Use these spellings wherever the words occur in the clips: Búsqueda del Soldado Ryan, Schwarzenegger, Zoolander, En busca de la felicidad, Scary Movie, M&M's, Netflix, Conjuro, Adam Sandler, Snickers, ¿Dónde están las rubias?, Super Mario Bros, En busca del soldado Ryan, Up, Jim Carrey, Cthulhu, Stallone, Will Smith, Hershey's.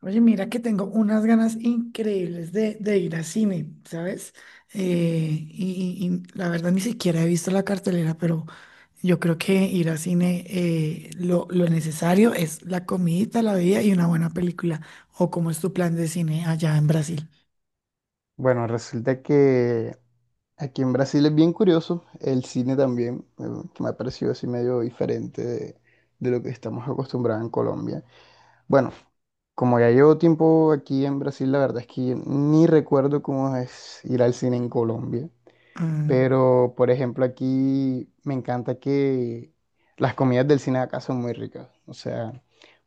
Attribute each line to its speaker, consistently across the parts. Speaker 1: Oye, mira que tengo unas ganas increíbles de ir al cine, ¿sabes? Eh, y, y- y la verdad ni siquiera he visto la cartelera, pero yo creo que ir al cine lo necesario es la comidita, la bebida y una buena película. ¿O cómo es tu plan de cine allá en Brasil?
Speaker 2: Bueno, resulta que aquí en Brasil es bien curioso, el cine también, que me ha parecido así medio diferente de lo que estamos acostumbrados en Colombia. Bueno, como ya llevo tiempo aquí en Brasil, la verdad es que ni recuerdo cómo es ir al cine en Colombia,
Speaker 1: Mm.
Speaker 2: pero por ejemplo aquí me encanta que las comidas del cine de acá son muy ricas, o sea,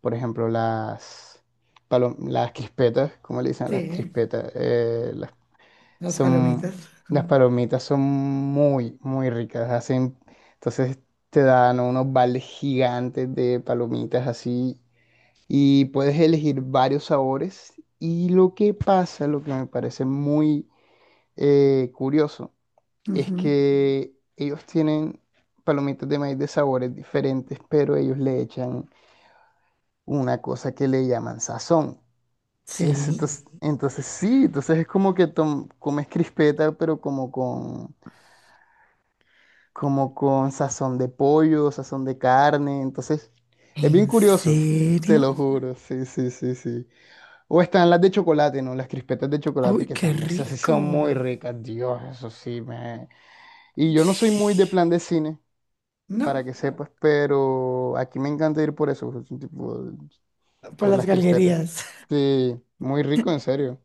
Speaker 2: por ejemplo las... Las crispetas, ¿cómo le dicen a
Speaker 1: Sí,
Speaker 2: las
Speaker 1: ¿eh?
Speaker 2: crispetas? Las
Speaker 1: Las
Speaker 2: son,
Speaker 1: palomitas.
Speaker 2: las
Speaker 1: Mm,
Speaker 2: palomitas son muy, muy ricas. Hacen, entonces te dan unos vales gigantes de palomitas así y puedes elegir varios sabores. Y lo que pasa, lo que me parece muy curioso, es
Speaker 1: ujú.
Speaker 2: que ellos tienen palomitas de maíz de sabores diferentes, pero ellos le echan una cosa que le llaman sazón. Es,
Speaker 1: Sí,
Speaker 2: entonces sí, entonces es como que comes crispeta, pero como con sazón de pollo, sazón de carne, entonces es bien
Speaker 1: ¿en
Speaker 2: curioso, te
Speaker 1: serio?
Speaker 2: lo juro, sí, sí, sí, sí. O están las de chocolate, ¿no? Las crispetas de chocolate,
Speaker 1: ¡Uy,
Speaker 2: que
Speaker 1: qué
Speaker 2: también esas sí son muy
Speaker 1: rico!
Speaker 2: ricas, Dios, eso sí, me... Y yo no soy muy de
Speaker 1: Ush.
Speaker 2: plan de cine, para
Speaker 1: No,
Speaker 2: que sepas, pero aquí me encanta ir por eso, tipo,
Speaker 1: por
Speaker 2: por
Speaker 1: las
Speaker 2: las crispetas.
Speaker 1: galerías.
Speaker 2: Sí, muy rico, en serio.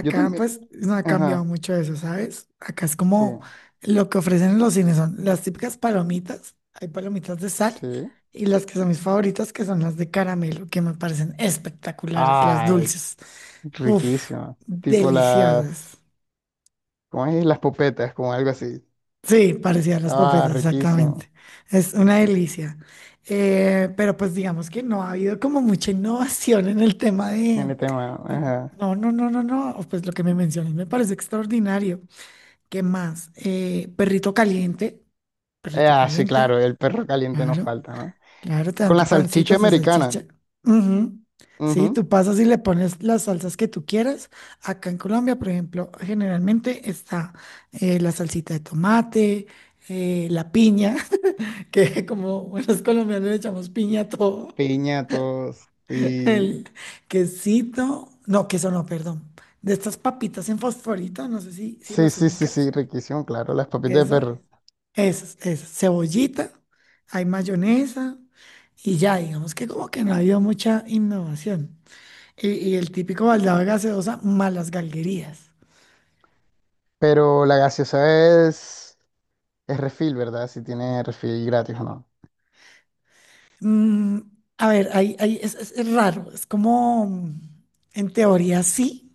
Speaker 2: Yo también,
Speaker 1: pues no ha cambiado
Speaker 2: ajá,
Speaker 1: mucho eso, ¿sabes? Acá es
Speaker 2: sí,
Speaker 1: como lo que ofrecen en los cines son las típicas palomitas, hay palomitas de sal
Speaker 2: sí.
Speaker 1: y las que son mis favoritas que son las de caramelo, que me parecen espectaculares, las
Speaker 2: Ay,
Speaker 1: dulces. Uf,
Speaker 2: riquísimo. Tipo las...
Speaker 1: deliciosas.
Speaker 2: ¿Cómo es? Las popetas como algo así.
Speaker 1: Sí, parecían las
Speaker 2: Ah,
Speaker 1: papetas,
Speaker 2: riquísimo.
Speaker 1: exactamente. Es una
Speaker 2: Riquísimo.
Speaker 1: delicia. Pero pues digamos que no ha habido como mucha innovación en el tema
Speaker 2: En
Speaker 1: de.
Speaker 2: el tema, ajá.
Speaker 1: No, no, no, no, no. Pues lo que me mencionas me parece extraordinario. ¿Qué más? Perrito
Speaker 2: Sí,
Speaker 1: caliente,
Speaker 2: claro, el perro caliente no
Speaker 1: claro,
Speaker 2: falta, ¿no?
Speaker 1: claro, te dan
Speaker 2: Con la
Speaker 1: tu
Speaker 2: salchicha
Speaker 1: pancita, tu
Speaker 2: americana.
Speaker 1: salchicha. Ujú. Sí,
Speaker 2: Ujú.
Speaker 1: tú pasas y le pones las salsas que tú quieras. Acá en Colombia, por ejemplo, generalmente está la salsita de tomate, la piña, que como buenos colombianos le echamos piña a todo.
Speaker 2: Piñatos. Sí.
Speaker 1: El quesito, no, queso no, perdón. De estas papitas en fosforito, no sé si
Speaker 2: Sí,
Speaker 1: las
Speaker 2: sí, sí,
Speaker 1: ubicas.
Speaker 2: sí, riquísimo, claro, las papitas de
Speaker 1: Eso.
Speaker 2: perro.
Speaker 1: Esas, cebollita, hay mayonesa y ya, digamos que como que no ha habido mucha innovación. Y el típico baldado de gaseosa, malas galguerías.
Speaker 2: Pero la gaseosa es refil, ¿verdad? Si tiene refil gratis o no.
Speaker 1: Mm, a ver, ahí es raro, es como, en teoría sí,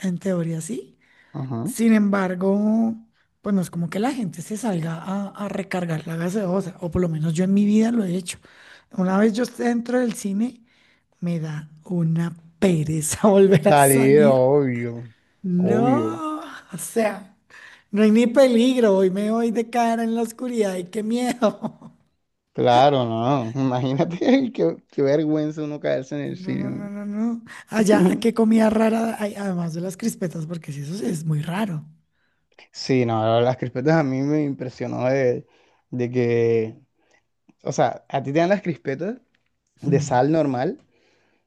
Speaker 1: en teoría sí.
Speaker 2: Ujú.
Speaker 1: Sin embargo, pues no es como que la gente se salga a recargar la gaseosa, o por lo menos yo en mi vida lo he hecho. Una vez yo esté dentro del cine, me da una pereza volver a
Speaker 2: Salir,
Speaker 1: salir.
Speaker 2: obvio. Obvio.
Speaker 1: No, o sea, no hay ni peligro, hoy me voy de cara en la oscuridad y qué miedo.
Speaker 2: Claro, no. Imagínate qué, qué vergüenza uno caerse en el
Speaker 1: No, no, no,
Speaker 2: cine.
Speaker 1: no, no. Allá, qué comida rara hay, además de las crispetas, porque si eso sí es muy raro.
Speaker 2: Sí, no, las crispetas a mí me impresionó de que, o sea, a ti te dan las crispetas de
Speaker 1: Mm,
Speaker 2: sal normal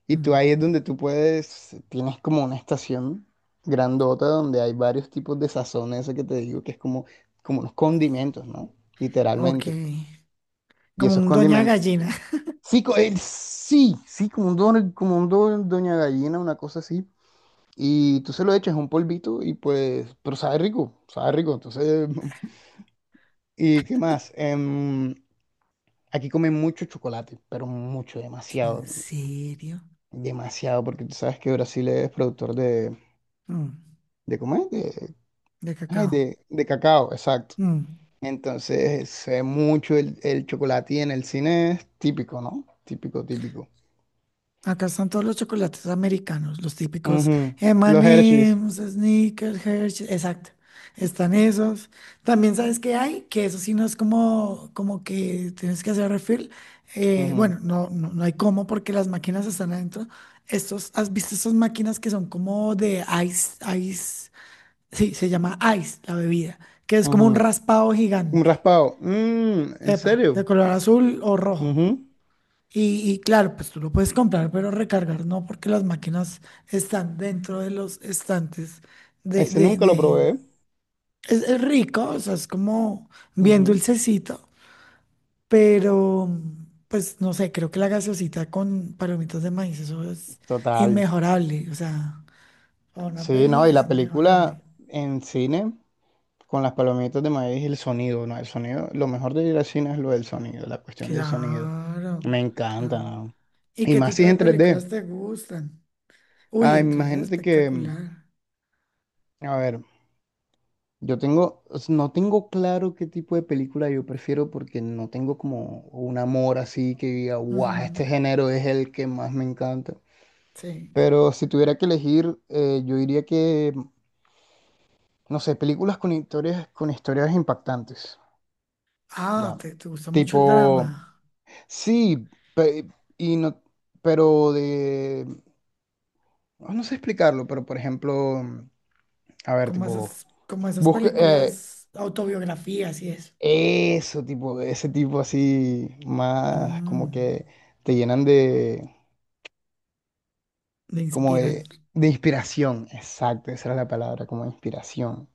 Speaker 2: y tú
Speaker 1: mm.
Speaker 2: ahí es donde tú puedes, tienes como una estación grandota donde hay varios tipos de sazón, eso que te digo, que es como, como unos condimentos, ¿no?
Speaker 1: Ok,
Speaker 2: Literalmente. Y
Speaker 1: como
Speaker 2: esos
Speaker 1: un doña
Speaker 2: condimentos.
Speaker 1: gallina.
Speaker 2: Sí, sí, sí, como un, don, como un doña gallina, una cosa así. Y tú se lo echas un polvito y pues, pero sabe rico, entonces... ¿Y qué más? Aquí comen mucho chocolate, pero mucho, demasiado,
Speaker 1: ¿En serio?
Speaker 2: demasiado, porque tú sabes que Brasil es productor
Speaker 1: Mm,
Speaker 2: de ¿cómo es? De,
Speaker 1: de
Speaker 2: ay,
Speaker 1: cacao.
Speaker 2: de cacao, exacto.
Speaker 1: Mm.
Speaker 2: Entonces se ve mucho el chocolate y en el cine es típico, ¿no? Típico, típico.
Speaker 1: Acá están todos los chocolates americanos, los típicos
Speaker 2: Ujú. Los Hershey's.
Speaker 1: M&M's, Snickers, Hershey's, exacto. Están esos. También sabes que hay, que eso sí no es como que tienes que hacer refill.
Speaker 2: Ujú,
Speaker 1: Bueno, no, no, no hay cómo porque las máquinas están adentro. Estos, ¿has visto estas máquinas que son como de ice, ice? Sí, se llama ice la bebida, que es como un
Speaker 2: ujú.
Speaker 1: raspado
Speaker 2: Un
Speaker 1: gigante.
Speaker 2: raspado. Mm, ¿en
Speaker 1: Epa, de
Speaker 2: serio?
Speaker 1: color azul o rojo.
Speaker 2: Ujú.
Speaker 1: Y claro, pues tú lo puedes comprar, pero recargar no, porque las máquinas están dentro de los estantes de,
Speaker 2: Ese
Speaker 1: de,
Speaker 2: nunca lo
Speaker 1: de-
Speaker 2: probé.
Speaker 1: es rico, o sea, es como bien
Speaker 2: Ujú.
Speaker 1: dulcecito, pero pues no sé, creo que la gaseosita con palomitas de maíz, eso es
Speaker 2: Total.
Speaker 1: inmejorable, o sea, para una
Speaker 2: Sí, no,
Speaker 1: peli
Speaker 2: y
Speaker 1: es
Speaker 2: la película
Speaker 1: inmejorable.
Speaker 2: en cine con las palomitas de maíz y el sonido, ¿no? El sonido, lo mejor de ir al cine es lo del sonido, la cuestión del sonido.
Speaker 1: Claro,
Speaker 2: Me encanta,
Speaker 1: claro.
Speaker 2: ¿no?
Speaker 1: ¿Y
Speaker 2: Y
Speaker 1: qué
Speaker 2: más
Speaker 1: tipo
Speaker 2: si es
Speaker 1: de
Speaker 2: en 3D.
Speaker 1: películas te gustan? Uy,
Speaker 2: Ah,
Speaker 1: entonces es
Speaker 2: imagínate que,
Speaker 1: espectacular.
Speaker 2: a ver, no tengo claro qué tipo de película yo prefiero porque no tengo como un amor así que diga, guau,
Speaker 1: Ujú.
Speaker 2: este género es el que más me encanta.
Speaker 1: Sí.
Speaker 2: Pero si tuviera que elegir, yo diría que, no sé, películas con historias impactantes.
Speaker 1: Ah,
Speaker 2: Ya.
Speaker 1: te gusta mucho el
Speaker 2: Tipo,
Speaker 1: drama.
Speaker 2: sí, pe- no, pero de, oh, no sé explicarlo, pero por ejemplo, a ver, tipo,
Speaker 1: Como esas
Speaker 2: busca
Speaker 1: películas, autobiografías y eso.
Speaker 2: eso, tipo, ese tipo así, más como
Speaker 1: Mm,
Speaker 2: que te llenan de,
Speaker 1: me
Speaker 2: como
Speaker 1: inspiran.
Speaker 2: de inspiración, exacto, esa era la palabra, como inspiración.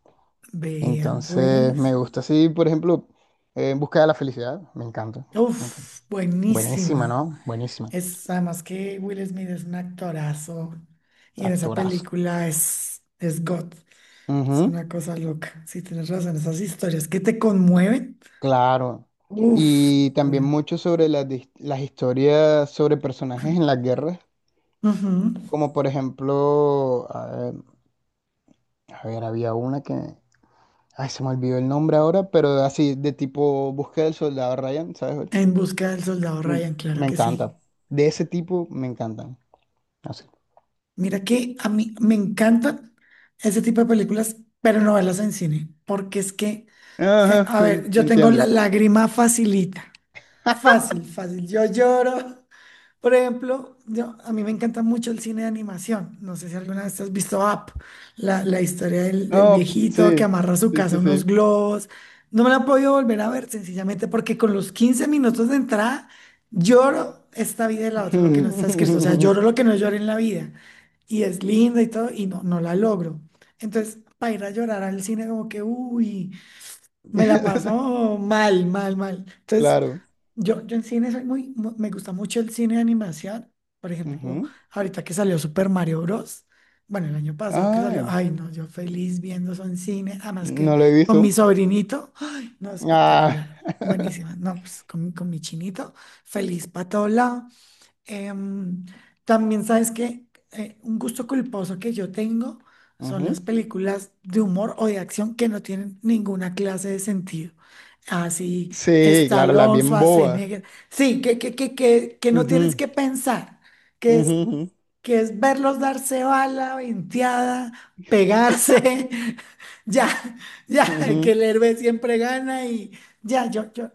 Speaker 1: Vea,
Speaker 2: Entonces, me
Speaker 1: pues.
Speaker 2: gusta así, por ejemplo, En busca de la felicidad, me encanta, me encanta.
Speaker 1: Uf,
Speaker 2: Buenísima,
Speaker 1: buenísima.
Speaker 2: ¿no? Buenísima,
Speaker 1: Es además que Will Smith es un actorazo. Y en esa
Speaker 2: actorazo.
Speaker 1: película es God. Es
Speaker 2: Ujú.
Speaker 1: una cosa loca. Sí, tienes razón. Esas historias que te conmueven.
Speaker 2: Claro.
Speaker 1: Uf,
Speaker 2: Y también
Speaker 1: ahora.
Speaker 2: mucho sobre las, las historias sobre personajes en las guerras,
Speaker 1: Ujú.
Speaker 2: como por ejemplo, a ver, había una que, ay, se me olvidó el nombre ahora, pero así de tipo Búsqueda del Soldado Ryan, ¿sabes? ¿Cuál?
Speaker 1: En busca del soldado
Speaker 2: Mm.
Speaker 1: Ryan, claro
Speaker 2: Me
Speaker 1: que sí.
Speaker 2: encanta. De ese tipo me encantan. Así.
Speaker 1: Mira que a mí me encantan ese tipo de películas, pero no verlas en cine, porque es que,
Speaker 2: Ajá,
Speaker 1: a ver,
Speaker 2: me
Speaker 1: yo tengo la
Speaker 2: entiendo.
Speaker 1: lágrima facilita, fácil, fácil, yo lloro. Por ejemplo, a mí me encanta mucho el cine de animación. No sé si alguna vez has visto Up, la historia del
Speaker 2: Oh,
Speaker 1: viejito que
Speaker 2: sí,
Speaker 1: amarra a su
Speaker 2: sí,
Speaker 1: casa
Speaker 2: sí,
Speaker 1: unos
Speaker 2: sí.
Speaker 1: globos. No me la he podido volver a ver sencillamente porque con los 15 minutos de entrada lloro esta vida y la otra, lo que no está escrito. O sea, lloro lo que no lloré en la vida y es linda y todo, y no la logro. Entonces, para ir a llorar al cine, como que, uy, me la paso mal, mal, mal. Entonces,
Speaker 2: Claro.
Speaker 1: yo en cine soy me gusta mucho el cine de animación. Por ejemplo,
Speaker 2: Ujú.
Speaker 1: ahorita que salió Super Mario Bros. Bueno, el año pasado que salió,
Speaker 2: Ay,
Speaker 1: ay, no, yo feliz viendo eso en cine, además que
Speaker 2: no lo he
Speaker 1: con
Speaker 2: visto.
Speaker 1: mi sobrinito, ay, no,
Speaker 2: Ah.
Speaker 1: espectacular, buenísima, no, pues con mi chinito, feliz para todo lado. Em, también sabes que un gusto culposo que yo tengo son las
Speaker 2: Ujú.
Speaker 1: películas de humor o de acción que no tienen ninguna clase de sentido. Así,
Speaker 2: Sí, claro, las
Speaker 1: Stallone,
Speaker 2: bien bobas.
Speaker 1: Schwarzenegger. Sí, que no tienes
Speaker 2: Ujú,
Speaker 1: que pensar, que es,
Speaker 2: ujú, ujú,
Speaker 1: que es verlos darse bala, venteada, pegarse. Ya, ya, que
Speaker 2: ujú.
Speaker 1: el héroe siempre gana y ya, yo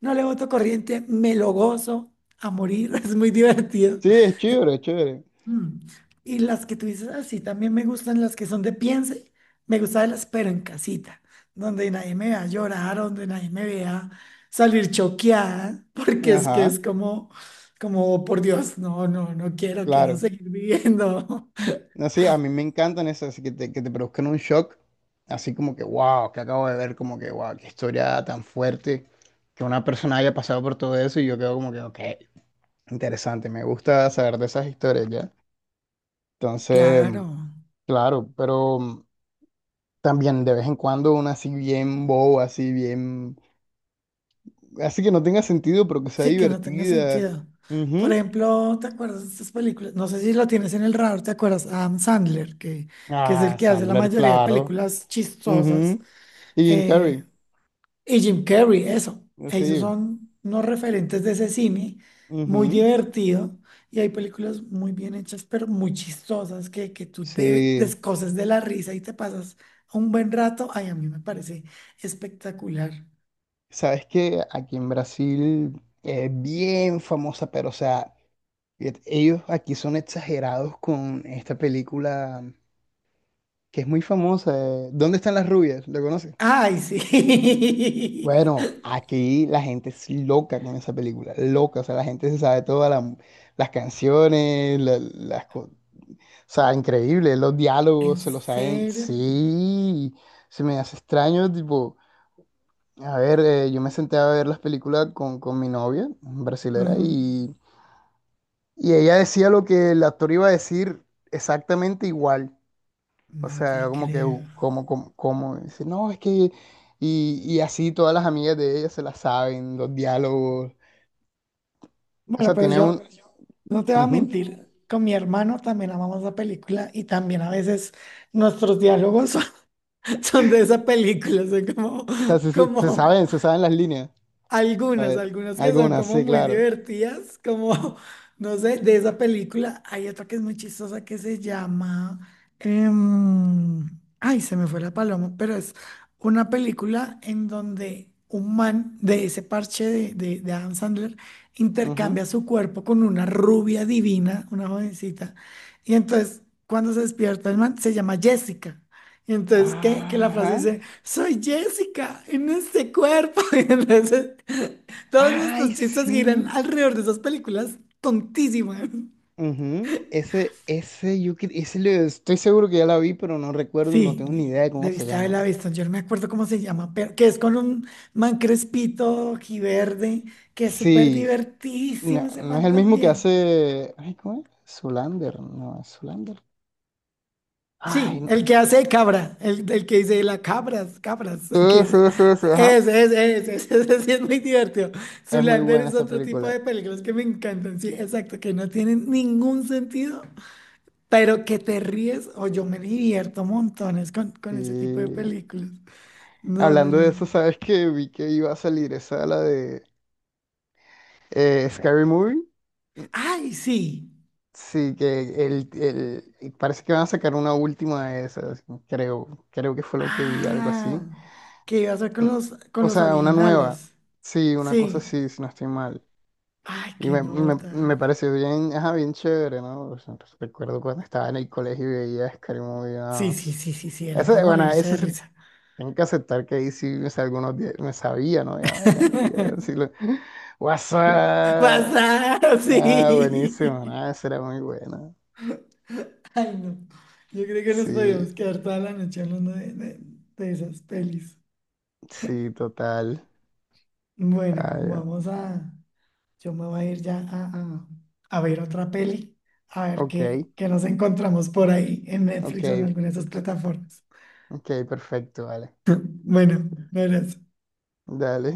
Speaker 1: no le voto corriente, me lo gozo a morir, es muy divertido.
Speaker 2: Sí, es chévere, es chévere.
Speaker 1: Mm. Y las que tú dices así, también me gustan las que son de piense, me gustan las pero en casita, donde nadie me vea llorar, donde nadie me vea salir choqueada, porque es que
Speaker 2: Ajá,
Speaker 1: es como, "Oh, por Dios, no, no, no quiero, quiero
Speaker 2: claro.
Speaker 1: seguir viviendo".
Speaker 2: No, sí, a mí me encantan esas que te produzcan un shock, así como que, wow, que acabo de ver, como que, wow, qué historia tan fuerte, que una persona haya pasado por todo eso y yo quedo como que, ok, interesante, me gusta saber de esas historias, ¿ya? Entonces,
Speaker 1: Claro,
Speaker 2: claro, pero también de vez en cuando una así bien boba, así bien Así que no tenga sentido, pero que sea
Speaker 1: sí que no tenga
Speaker 2: divertida.
Speaker 1: sentido. Por
Speaker 2: Ujú.
Speaker 1: ejemplo, ¿te acuerdas de estas películas? No sé si lo tienes en el radar, ¿te acuerdas? Adam Sandler, que es el
Speaker 2: Ah,
Speaker 1: que hace la
Speaker 2: Sandler,
Speaker 1: mayoría de
Speaker 2: claro.
Speaker 1: películas chistosas
Speaker 2: Ujú. Y Jim Carrey.
Speaker 1: eh, y Jim Carrey, eso. Ellos
Speaker 2: Sí.
Speaker 1: son unos referentes de ese cine, muy
Speaker 2: Ujú.
Speaker 1: divertido, y hay películas muy bien hechas, pero muy chistosas, que tú te
Speaker 2: Sí.
Speaker 1: descoces de la risa y te pasas un buen rato. Ay, a mí me parece espectacular.
Speaker 2: Sabes que aquí en Brasil es bien famosa, pero o sea, ellos aquí son exagerados con esta película que es muy famosa. Eh, ¿Dónde están las rubias? ¿Lo conoces?
Speaker 1: Ay, sí.
Speaker 2: Bueno, aquí la gente es loca con esa película, loca, o sea, la gente se sabe todas las canciones, las, sea, increíble, los
Speaker 1: ¿En
Speaker 2: diálogos se lo saben.
Speaker 1: serio?
Speaker 2: Sí, se me hace extraño, tipo, a ver, yo me senté a ver las películas con mi novia, brasilera,
Speaker 1: Ujú.
Speaker 2: y ella decía lo que el actor iba a decir exactamente igual. O
Speaker 1: No
Speaker 2: sea,
Speaker 1: te
Speaker 2: como que,
Speaker 1: creo.
Speaker 2: como, dice, no, es que, y así todas las amigas de ella se las saben, los diálogos. O
Speaker 1: Bueno,
Speaker 2: sea,
Speaker 1: pero
Speaker 2: tiene un...
Speaker 1: yo no te voy a
Speaker 2: Ujú.
Speaker 1: mentir.
Speaker 2: O
Speaker 1: Con mi hermano también amamos la película y también a veces nuestros diálogos son de esa película, son como,
Speaker 2: sea,
Speaker 1: como
Speaker 2: se saben las líneas. A
Speaker 1: algunas,
Speaker 2: ver,
Speaker 1: algunas que son
Speaker 2: algunas,
Speaker 1: como
Speaker 2: sí,
Speaker 1: muy
Speaker 2: claro.
Speaker 1: divertidas, como, no sé, de esa película. Hay otra que es muy chistosa que se llama, em, ay, se me fue la paloma, pero es una película en donde un man de ese parche de Adam Sandler intercambia
Speaker 2: Ujú.
Speaker 1: su cuerpo con una rubia divina, una jovencita, y entonces cuando se despierta el man se llama Jessica. Y entonces, ¿qué? Que la frase
Speaker 2: Ajá.
Speaker 1: dice: Soy Jessica en este cuerpo. Y entonces, todos nuestros
Speaker 2: Ay,
Speaker 1: chistes giran
Speaker 2: sí.
Speaker 1: alrededor de esas películas tontísimas.
Speaker 2: Ujú. Ese, yo cre- ese le- estoy seguro que ya la vi, pero no recuerdo, no tengo
Speaker 1: Sí,
Speaker 2: ni idea de cómo se
Speaker 1: debiste
Speaker 2: llama.
Speaker 1: haberla visto. Yo no me acuerdo cómo se llama, pero que es con un man crespito, verde que es súper
Speaker 2: Sí, no,
Speaker 1: divertísimo ese
Speaker 2: no es
Speaker 1: man
Speaker 2: el mismo que
Speaker 1: también.
Speaker 2: hace. Ay, ¿cómo es? Zoolander, no, es Zoolander. Ay,
Speaker 1: Sí,
Speaker 2: no.
Speaker 1: el que hace de cabra, el que dice la cabras, cabras, que
Speaker 2: Ese, ajá.
Speaker 1: ese sí es muy divertido.
Speaker 2: Es muy
Speaker 1: Zoolander
Speaker 2: buena
Speaker 1: es
Speaker 2: esa
Speaker 1: otro tipo
Speaker 2: película.
Speaker 1: de películas que me encantan, sí, exacto, que no tienen ningún sentido, pero que te ríes o yo me divierto montones con ese tipo de
Speaker 2: Y
Speaker 1: películas. No, no,
Speaker 2: hablando de
Speaker 1: no.
Speaker 2: eso, ¿sabes que vi que iba a salir esa, la de Scary Movie.
Speaker 1: Ay, sí.
Speaker 2: Sí, que parece que van a sacar una última de esas, creo, creo que fue lo que vi, algo
Speaker 1: Ah,
Speaker 2: así.
Speaker 1: que iba a ser con
Speaker 2: Mm,
Speaker 1: los, con
Speaker 2: o
Speaker 1: los
Speaker 2: sea, una nueva,
Speaker 1: originales.
Speaker 2: sí, una cosa
Speaker 1: Sí.
Speaker 2: así, si no estoy mal.
Speaker 1: Ay,
Speaker 2: Y
Speaker 1: qué nota.
Speaker 2: me pareció bien, ajá, bien chévere, ¿no? O sea, recuerdo cuando estaba en el colegio y veía Scary Movie,
Speaker 1: Sí,
Speaker 2: no,
Speaker 1: sí,
Speaker 2: s-
Speaker 1: sí, sí, sí, era
Speaker 2: Eso,
Speaker 1: para
Speaker 2: bueno,
Speaker 1: morirse de
Speaker 2: eso sí,
Speaker 1: risa.
Speaker 2: tengo que aceptar que ahí sí me, algunos días me sabía, ¿no? Ya, ya ni idea, sí lo... What's up?
Speaker 1: Pasar,
Speaker 2: Ah, buenísimo,
Speaker 1: sí.
Speaker 2: ¿no? Eso era muy bueno.
Speaker 1: Ay, no. Yo creo que nos
Speaker 2: Sí.
Speaker 1: podríamos quedar toda la noche hablando de esas pelis.
Speaker 2: Sí, total.
Speaker 1: Bueno,
Speaker 2: Ay,
Speaker 1: vamos a. Yo me voy a ir ya a ver otra peli, a ver
Speaker 2: ok,
Speaker 1: qué nos encontramos por ahí en
Speaker 2: ok,
Speaker 1: Netflix o en alguna de esas plataformas.
Speaker 2: ok, perfecto, vale.
Speaker 1: Bueno, un abrazo.
Speaker 2: Dale.